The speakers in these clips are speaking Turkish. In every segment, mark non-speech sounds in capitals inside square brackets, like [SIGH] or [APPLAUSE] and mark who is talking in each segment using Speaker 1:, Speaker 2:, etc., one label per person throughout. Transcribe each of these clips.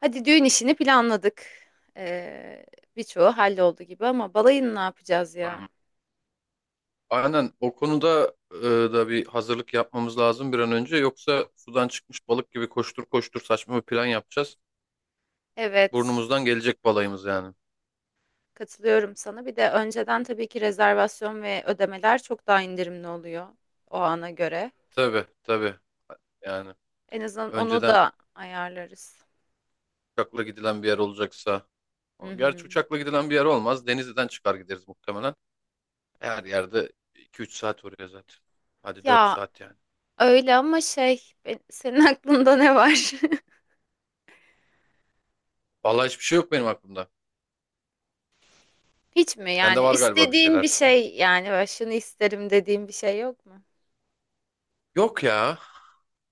Speaker 1: Hadi düğün işini planladık. Ee, Birçoğu halloldu gibi ama balayını ne yapacağız ya?
Speaker 2: Aynen o konuda da bir hazırlık yapmamız lazım bir an önce. Yoksa sudan çıkmış balık gibi koştur koştur saçma bir plan yapacağız.
Speaker 1: Evet,
Speaker 2: Burnumuzdan gelecek balayımız yani.
Speaker 1: katılıyorum sana. Bir de önceden tabii ki rezervasyon ve ödemeler çok daha indirimli oluyor o ana göre.
Speaker 2: Tabii tabii yani
Speaker 1: En azından onu
Speaker 2: önceden
Speaker 1: da ayarlarız.
Speaker 2: uçakla gidilen bir yer olacaksa.
Speaker 1: Hı
Speaker 2: Gerçi
Speaker 1: hı.
Speaker 2: uçakla gidilen bir yer olmaz. Denizli'den çıkar gideriz muhtemelen. Her yerde 2-3 saat oraya zaten. Hadi 4
Speaker 1: Ya
Speaker 2: saat yani.
Speaker 1: öyle ama senin [LAUGHS] aklında ne var?
Speaker 2: Vallahi hiçbir şey yok benim aklımda.
Speaker 1: [LAUGHS] Hiç mi
Speaker 2: Sende
Speaker 1: yani
Speaker 2: var galiba bir
Speaker 1: istediğin bir
Speaker 2: şeyler.
Speaker 1: şey yani böyle şunu isterim dediğin bir şey yok mu?
Speaker 2: Yok ya.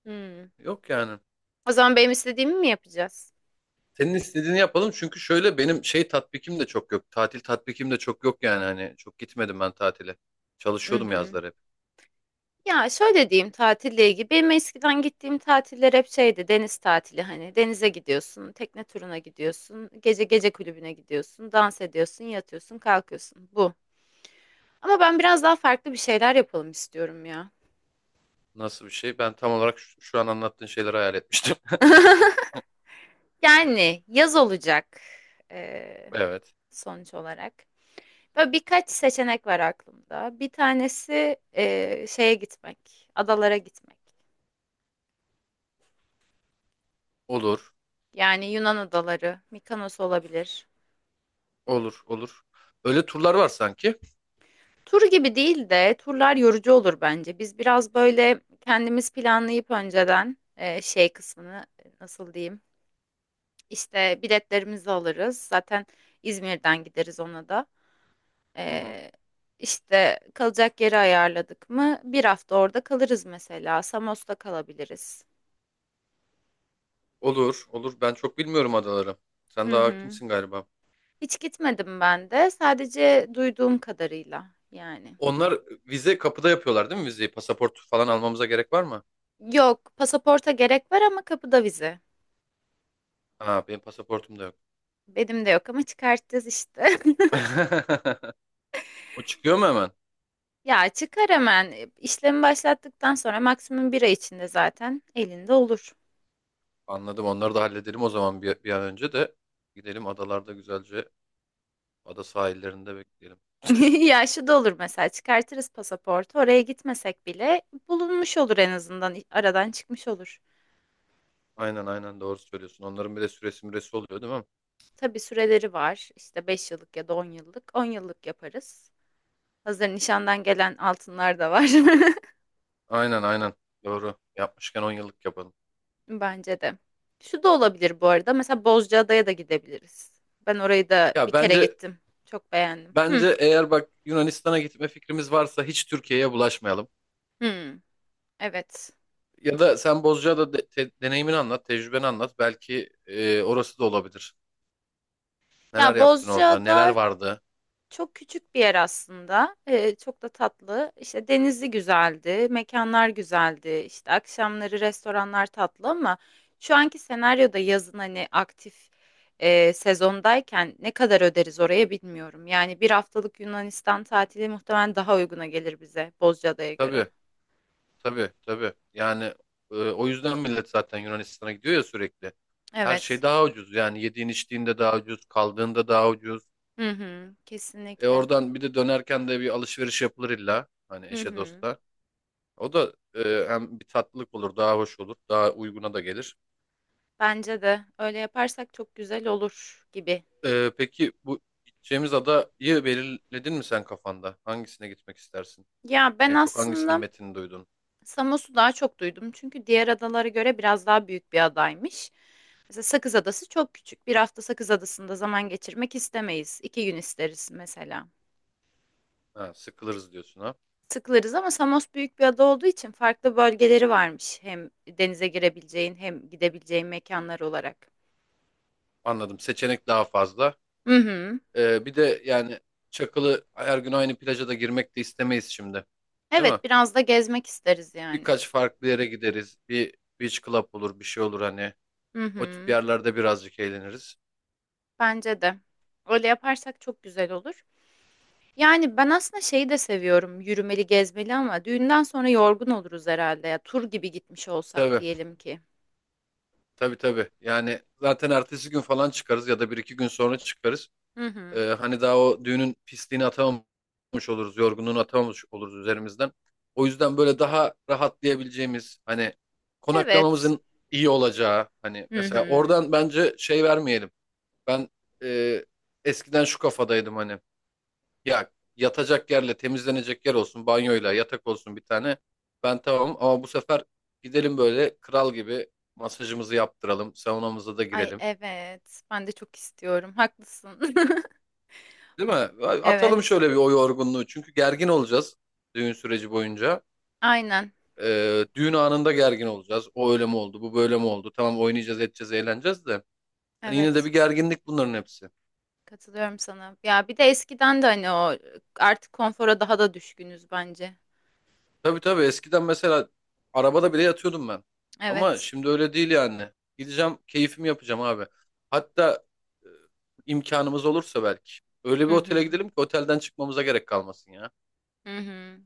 Speaker 1: Hmm.
Speaker 2: Yok yani.
Speaker 1: O zaman benim istediğimi mi yapacağız?
Speaker 2: Senin istediğini yapalım çünkü şöyle benim şey tatbikim de çok yok. Tatil tatbikim de çok yok yani hani çok gitmedim ben tatile. Çalışıyordum
Speaker 1: Mhm.
Speaker 2: yazları hep.
Speaker 1: Ya şöyle diyeyim tatille ilgili. Benim eskiden gittiğim tatiller hep şeydi deniz tatili hani denize gidiyorsun, tekne turuna gidiyorsun, gece gece kulübüne gidiyorsun, dans ediyorsun, yatıyorsun, kalkıyorsun. Bu. Ama ben biraz daha farklı bir şeyler yapalım istiyorum ya.
Speaker 2: Nasıl bir şey? Ben tam olarak şu an anlattığın şeyleri hayal etmiştim. [LAUGHS]
Speaker 1: [LAUGHS] Yani yaz olacak eee,
Speaker 2: Evet.
Speaker 1: sonuç olarak. Böyle birkaç seçenek var aklımda. Bir tanesi şeye gitmek, adalara gitmek.
Speaker 2: Olur.
Speaker 1: Yani Yunan adaları, Mikonos olabilir.
Speaker 2: Olur. Olur. Öyle turlar var sanki.
Speaker 1: Tur gibi değil de turlar yorucu olur bence. Biz biraz böyle kendimiz planlayıp önceden şey kısmını nasıl diyeyim? İşte biletlerimizi alırız. Zaten İzmir'den gideriz ona da.
Speaker 2: Hı hı.
Speaker 1: E, işte kalacak yeri ayarladık mı? Bir hafta orada kalırız mesela. Samos'ta kalabiliriz.
Speaker 2: Olur. Olur. Ben çok bilmiyorum adaları. Sen
Speaker 1: Hı
Speaker 2: daha
Speaker 1: hı.
Speaker 2: hakimsin galiba.
Speaker 1: Hiç gitmedim ben de. Sadece duyduğum kadarıyla yani.
Speaker 2: Onlar vize kapıda yapıyorlar değil mi vizeyi? Pasaport falan almamıza gerek var mı?
Speaker 1: Yok, pasaporta gerek var ama kapıda vize.
Speaker 2: Ha benim pasaportum da yok.
Speaker 1: Benim de yok ama çıkartacağız işte. [LAUGHS]
Speaker 2: [LAUGHS] O çıkıyor mu hemen?
Speaker 1: Ya çıkar hemen. İşlemi başlattıktan sonra maksimum bir ay içinde zaten elinde olur.
Speaker 2: Anladım. Onları da halledelim o zaman bir an önce de gidelim adalarda güzelce ada sahillerinde bekleyelim.
Speaker 1: [LAUGHS] Ya şu da olur mesela çıkartırız pasaportu oraya gitmesek bile bulunmuş olur en azından aradan çıkmış olur.
Speaker 2: Aynen aynen doğru söylüyorsun. Onların bir de süresi müresi oluyor değil mi?
Speaker 1: Tabii süreleri var işte 5 yıllık ya da 10 yıllık 10 yıllık yaparız. Hazır nişandan gelen altınlar da var.
Speaker 2: Aynen aynen doğru. Yapmışken 10 yıllık yapalım.
Speaker 1: [LAUGHS] Bence de. Şu da olabilir bu arada mesela Bozcaada'ya da gidebiliriz. Ben orayı da bir
Speaker 2: Ya
Speaker 1: kere
Speaker 2: bence
Speaker 1: gittim, çok beğendim. Hı,
Speaker 2: bence eğer bak Yunanistan'a gitme fikrimiz varsa hiç Türkiye'ye bulaşmayalım.
Speaker 1: hı, evet.
Speaker 2: Ya da sen Bozcaada deneyimini anlat, tecrübeni anlat. Belki orası da olabilir. Neler
Speaker 1: Ya
Speaker 2: yaptın orada, neler
Speaker 1: Bozcaada,
Speaker 2: vardı?
Speaker 1: çok küçük bir yer aslında. Çok da tatlı. İşte denizi güzeldi, mekanlar güzeldi. İşte akşamları restoranlar tatlı ama şu anki senaryoda yazın hani aktif sezondayken ne kadar öderiz oraya bilmiyorum. Yani bir haftalık Yunanistan tatili muhtemelen daha uyguna gelir bize Bozcaada'ya
Speaker 2: Tabii
Speaker 1: göre.
Speaker 2: tabii tabii. Yani o yüzden millet zaten Yunanistan'a gidiyor ya sürekli. Her şey
Speaker 1: Evet.
Speaker 2: daha ucuz. Yani yediğin içtiğinde daha ucuz, kaldığında daha ucuz.
Speaker 1: Hı hı,
Speaker 2: E
Speaker 1: kesinlikle.
Speaker 2: oradan bir de dönerken de bir alışveriş yapılır illa. Hani
Speaker 1: Hı
Speaker 2: eşe
Speaker 1: hı.
Speaker 2: dosta. O da hem bir tatlılık olur, daha hoş olur, daha uyguna da gelir.
Speaker 1: Bence de öyle yaparsak çok güzel olur gibi.
Speaker 2: E, peki bu gideceğimiz adayı belirledin mi sen kafanda? Hangisine gitmek istersin?
Speaker 1: Ya ben
Speaker 2: En çok hangisinin
Speaker 1: aslında
Speaker 2: metnini duydun?
Speaker 1: Samos'u daha çok duydum çünkü diğer adalara göre biraz daha büyük bir adaymış. Mesela Sakız Adası çok küçük. Bir hafta Sakız Adası'nda zaman geçirmek istemeyiz. 2 gün isteriz mesela.
Speaker 2: Ha, sıkılırız diyorsun ha.
Speaker 1: Sıkılırız ama Samos büyük bir ada olduğu için farklı bölgeleri varmış. Hem denize girebileceğin hem gidebileceğin mekanlar olarak.
Speaker 2: Anladım. Seçenek daha fazla.
Speaker 1: Hı hı.
Speaker 2: Bir de yani Çakılı her gün aynı plaja da girmek de istemeyiz şimdi. Değil mi?
Speaker 1: Evet biraz da gezmek isteriz yani.
Speaker 2: Birkaç farklı yere gideriz. Bir beach club olur, bir şey olur hani.
Speaker 1: Hı
Speaker 2: O tip
Speaker 1: hı.
Speaker 2: yerlerde birazcık eğleniriz.
Speaker 1: Bence de. Öyle yaparsak çok güzel olur. Yani, ben aslında şeyi de seviyorum, yürümeli, gezmeli ama düğünden sonra yorgun oluruz herhalde ya. Tur gibi gitmiş olsak
Speaker 2: Tabii,
Speaker 1: diyelim ki.
Speaker 2: tabii tabii. Yani zaten ertesi gün falan çıkarız ya da bir iki gün sonra çıkarız.
Speaker 1: Hı hı.
Speaker 2: Hani daha o düğünün pisliğini atamamış oluruz, yorgunluğunu atamamış oluruz üzerimizden. O yüzden böyle daha rahatlayabileceğimiz, hani
Speaker 1: Evet.
Speaker 2: konaklamamızın iyi olacağı, hani
Speaker 1: Hı
Speaker 2: mesela
Speaker 1: hı.
Speaker 2: oradan bence şey vermeyelim. Ben e, eskiden şu kafadaydım hani ya yatacak yerle temizlenecek yer olsun banyoyla yatak olsun bir tane ben tamam ama bu sefer gidelim böyle kral gibi masajımızı yaptıralım saunamıza da
Speaker 1: Ay,
Speaker 2: girelim
Speaker 1: evet. Ben de çok istiyorum. Haklısın. [LAUGHS]
Speaker 2: değil mi? Atalım
Speaker 1: Evet.
Speaker 2: şöyle bir o yorgunluğu çünkü gergin olacağız düğün süreci boyunca.
Speaker 1: Aynen.
Speaker 2: E, düğün anında gergin olacağız o öyle mi oldu bu böyle mi oldu tamam oynayacağız edeceğiz eğleneceğiz de hani yine de
Speaker 1: Evet.
Speaker 2: bir gerginlik bunların hepsi.
Speaker 1: Katılıyorum sana. Ya, bir de eskiden de, hani, o artık konfora daha da düşkünüz bence.
Speaker 2: Tabii tabii eskiden mesela arabada bile yatıyordum ben. Ama
Speaker 1: Evet.
Speaker 2: şimdi öyle değil yani. Gideceğim keyfimi yapacağım abi. Hatta e, imkanımız olursa belki. Öyle bir
Speaker 1: Hı
Speaker 2: otele
Speaker 1: hı.
Speaker 2: gidelim ki otelden çıkmamıza gerek kalmasın ya.
Speaker 1: Hı hı.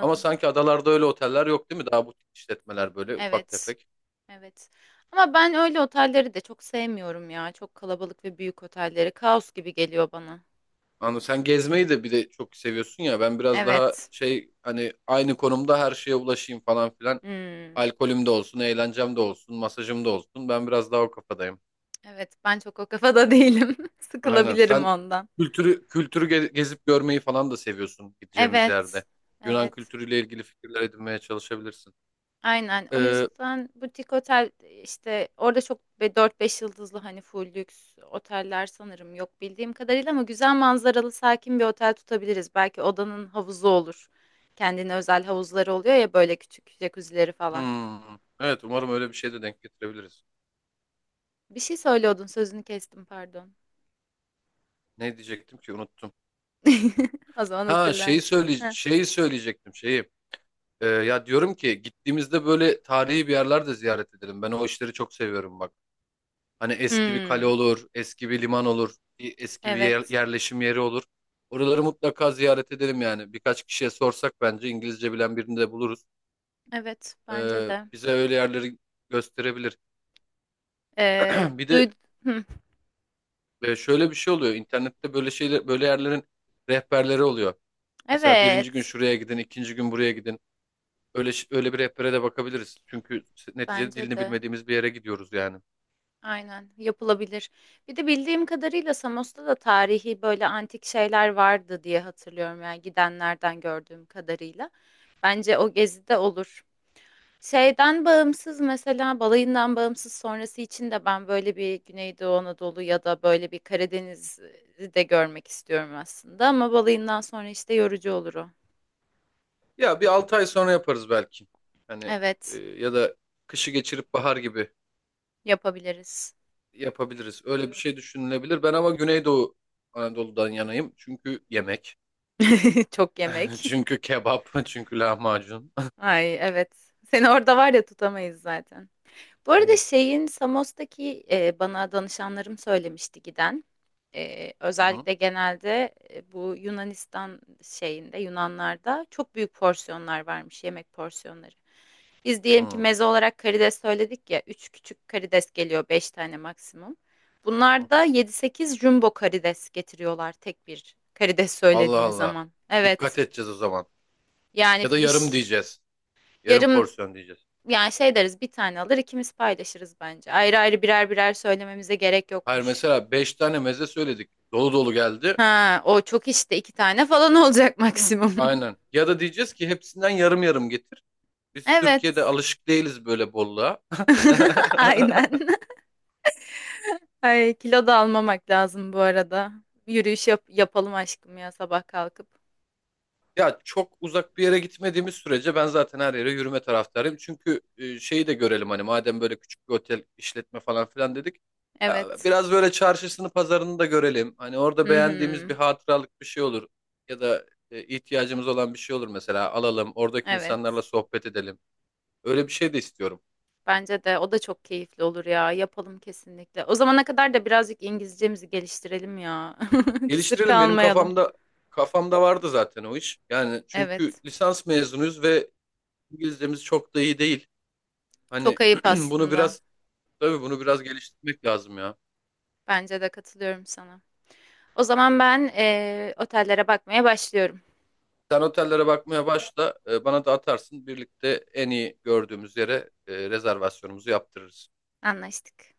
Speaker 2: Ama sanki adalarda öyle oteller yok değil mi? Daha butik işletmeler böyle ufak
Speaker 1: Evet.
Speaker 2: tefek.
Speaker 1: Evet. Ama ben öyle otelleri de çok sevmiyorum ya. Çok kalabalık ve büyük otelleri. Kaos gibi geliyor bana.
Speaker 2: Anladım. Sen gezmeyi de bir de çok seviyorsun ya. Ben biraz daha
Speaker 1: Evet.
Speaker 2: şey hani aynı konumda her şeye ulaşayım falan filan.
Speaker 1: Hmm.
Speaker 2: Alkolüm de olsun, eğlencem de olsun, masajım da olsun. Ben biraz daha o kafadayım.
Speaker 1: Evet, ben çok o kafada değilim. [LAUGHS]
Speaker 2: Aynen.
Speaker 1: Sıkılabilirim
Speaker 2: Sen
Speaker 1: ondan.
Speaker 2: kültürü kültürü gezip görmeyi falan da seviyorsun gideceğimiz
Speaker 1: Evet.
Speaker 2: yerde. Yunan
Speaker 1: Evet.
Speaker 2: kültürüyle ilgili fikirler edinmeye çalışabilirsin.
Speaker 1: Aynen. O
Speaker 2: Ee,
Speaker 1: yüzden butik otel işte orada çok 4-5 yıldızlı hani full lüks oteller sanırım yok bildiğim kadarıyla ama güzel manzaralı sakin bir otel tutabiliriz. Belki odanın havuzu olur. Kendine özel havuzları oluyor ya böyle küçük jacuzzileri falan.
Speaker 2: hmm, evet umarım öyle bir şey de denk getirebiliriz.
Speaker 1: Bir şey söylüyordun, sözünü kestim pardon.
Speaker 2: Ne diyecektim ki unuttum.
Speaker 1: [LAUGHS] O zaman
Speaker 2: Ha şeyi
Speaker 1: hatırlarsın.
Speaker 2: söyle
Speaker 1: Heh.
Speaker 2: şeyi söyleyecektim şeyi. Ya diyorum ki gittiğimizde böyle tarihi bir yerler de ziyaret edelim. Ben o işleri çok seviyorum bak. Hani eski bir kale
Speaker 1: Hmm,
Speaker 2: olur, eski bir liman olur, bir eski bir
Speaker 1: evet.
Speaker 2: yerleşim yeri olur. Oraları mutlaka ziyaret edelim yani. Birkaç kişiye sorsak bence İngilizce bilen birini de buluruz.
Speaker 1: Evet, bence de.
Speaker 2: Bize öyle yerleri gösterebilir.
Speaker 1: Ee,
Speaker 2: [CLEARS THROAT] Bir de
Speaker 1: duy- Hmm,
Speaker 2: şöyle bir şey oluyor. İnternette böyle şeyler, böyle yerlerin rehberleri oluyor. Mesela birinci gün
Speaker 1: evet,
Speaker 2: şuraya gidin, ikinci gün buraya gidin. Öyle bir rehbere de bakabiliriz. Çünkü neticede
Speaker 1: bence
Speaker 2: dilini
Speaker 1: de.
Speaker 2: bilmediğimiz bir yere gidiyoruz yani.
Speaker 1: Aynen, yapılabilir. Bir de bildiğim kadarıyla Samos'ta da tarihi böyle antik şeyler vardı diye hatırlıyorum yani gidenlerden gördüğüm kadarıyla. Bence o gezide olur. Şeyden bağımsız mesela balayından bağımsız sonrası için de ben böyle bir Güneydoğu Anadolu ya da böyle bir Karadeniz'i de görmek istiyorum aslında ama balayından sonra işte yorucu olur o.
Speaker 2: Ya bir 6 ay sonra yaparız belki. Hani
Speaker 1: Evet,
Speaker 2: ya da kışı geçirip bahar gibi
Speaker 1: yapabiliriz.
Speaker 2: yapabiliriz. Öyle bir şey düşünülebilir. Ben ama Güneydoğu Anadolu'dan yanayım. Çünkü yemek,
Speaker 1: [LAUGHS] Çok
Speaker 2: [LAUGHS]
Speaker 1: yemek.
Speaker 2: çünkü kebap, [LAUGHS] çünkü lahmacun.
Speaker 1: [LAUGHS] Ay evet. Seni orada var ya tutamayız zaten.
Speaker 2: [LAUGHS]
Speaker 1: Bu arada
Speaker 2: Aynen.
Speaker 1: şeyin Samos'taki, bana danışanlarım söylemişti giden.
Speaker 2: Hı hı.
Speaker 1: Özellikle genelde, bu Yunanistan şeyinde, Yunanlarda çok büyük porsiyonlar varmış, yemek porsiyonları. Biz diyelim ki meze olarak karides söyledik ya, 3 küçük karides geliyor, 5 tane maksimum.
Speaker 2: Hı
Speaker 1: Bunlar
Speaker 2: hı.
Speaker 1: da 7-8 jumbo karides getiriyorlar tek bir karides
Speaker 2: Allah
Speaker 1: söylediğin
Speaker 2: Allah.
Speaker 1: zaman. Evet.
Speaker 2: Dikkat edeceğiz o zaman. Ya
Speaker 1: Yani
Speaker 2: da yarım diyeceğiz. Yarım
Speaker 1: yarım,
Speaker 2: porsiyon diyeceğiz.
Speaker 1: yani şey deriz bir tane alır ikimiz paylaşırız bence. Ayrı ayrı birer birer söylememize gerek
Speaker 2: Hayır
Speaker 1: yokmuş.
Speaker 2: mesela 5 tane meze söyledik. Dolu dolu geldi.
Speaker 1: Ha, o çok işte iki tane falan olacak maksimum. [LAUGHS]
Speaker 2: Aynen. Ya da diyeceğiz ki hepsinden yarım yarım getir. Biz Türkiye'de
Speaker 1: Evet.
Speaker 2: alışık değiliz böyle bolluğa.
Speaker 1: [LAUGHS]
Speaker 2: [LAUGHS]
Speaker 1: Aynen. Ay, kilo da almamak lazım bu arada. Yürüyüş yapalım aşkım ya sabah kalkıp.
Speaker 2: Ya çok uzak bir yere gitmediğimiz sürece ben zaten her yere yürüme taraftarıyım. Çünkü şeyi de görelim hani madem böyle küçük bir otel işletme falan filan dedik.
Speaker 1: Evet.
Speaker 2: Biraz böyle çarşısını pazarını da görelim. Hani orada
Speaker 1: Hı
Speaker 2: beğendiğimiz bir
Speaker 1: hı.
Speaker 2: hatıralık bir şey olur. Ya da ihtiyacımız olan bir şey olur mesela alalım. Oradaki insanlarla
Speaker 1: Evet.
Speaker 2: sohbet edelim. Öyle bir şey de istiyorum.
Speaker 1: Bence de o da çok keyifli olur ya. Yapalım kesinlikle. O zamana kadar da birazcık İngilizcemizi geliştirelim ya. [LAUGHS] Kısır
Speaker 2: Geliştirelim benim
Speaker 1: kalmayalım.
Speaker 2: kafamda vardı zaten o iş. Yani çünkü
Speaker 1: Evet.
Speaker 2: lisans mezunuyuz ve İngilizcemiz çok da iyi değil. Hani
Speaker 1: Çok ayıp
Speaker 2: [CLEARS THROAT] bunu
Speaker 1: aslında.
Speaker 2: biraz Tabii bunu biraz geliştirmek lazım ya.
Speaker 1: Bence de katılıyorum sana. O zaman ben otellere bakmaya başlıyorum.
Speaker 2: Sen otellere bakmaya başla, bana da atarsın. Birlikte en iyi gördüğümüz yere rezervasyonumuzu yaptırırız.
Speaker 1: Anlaştık.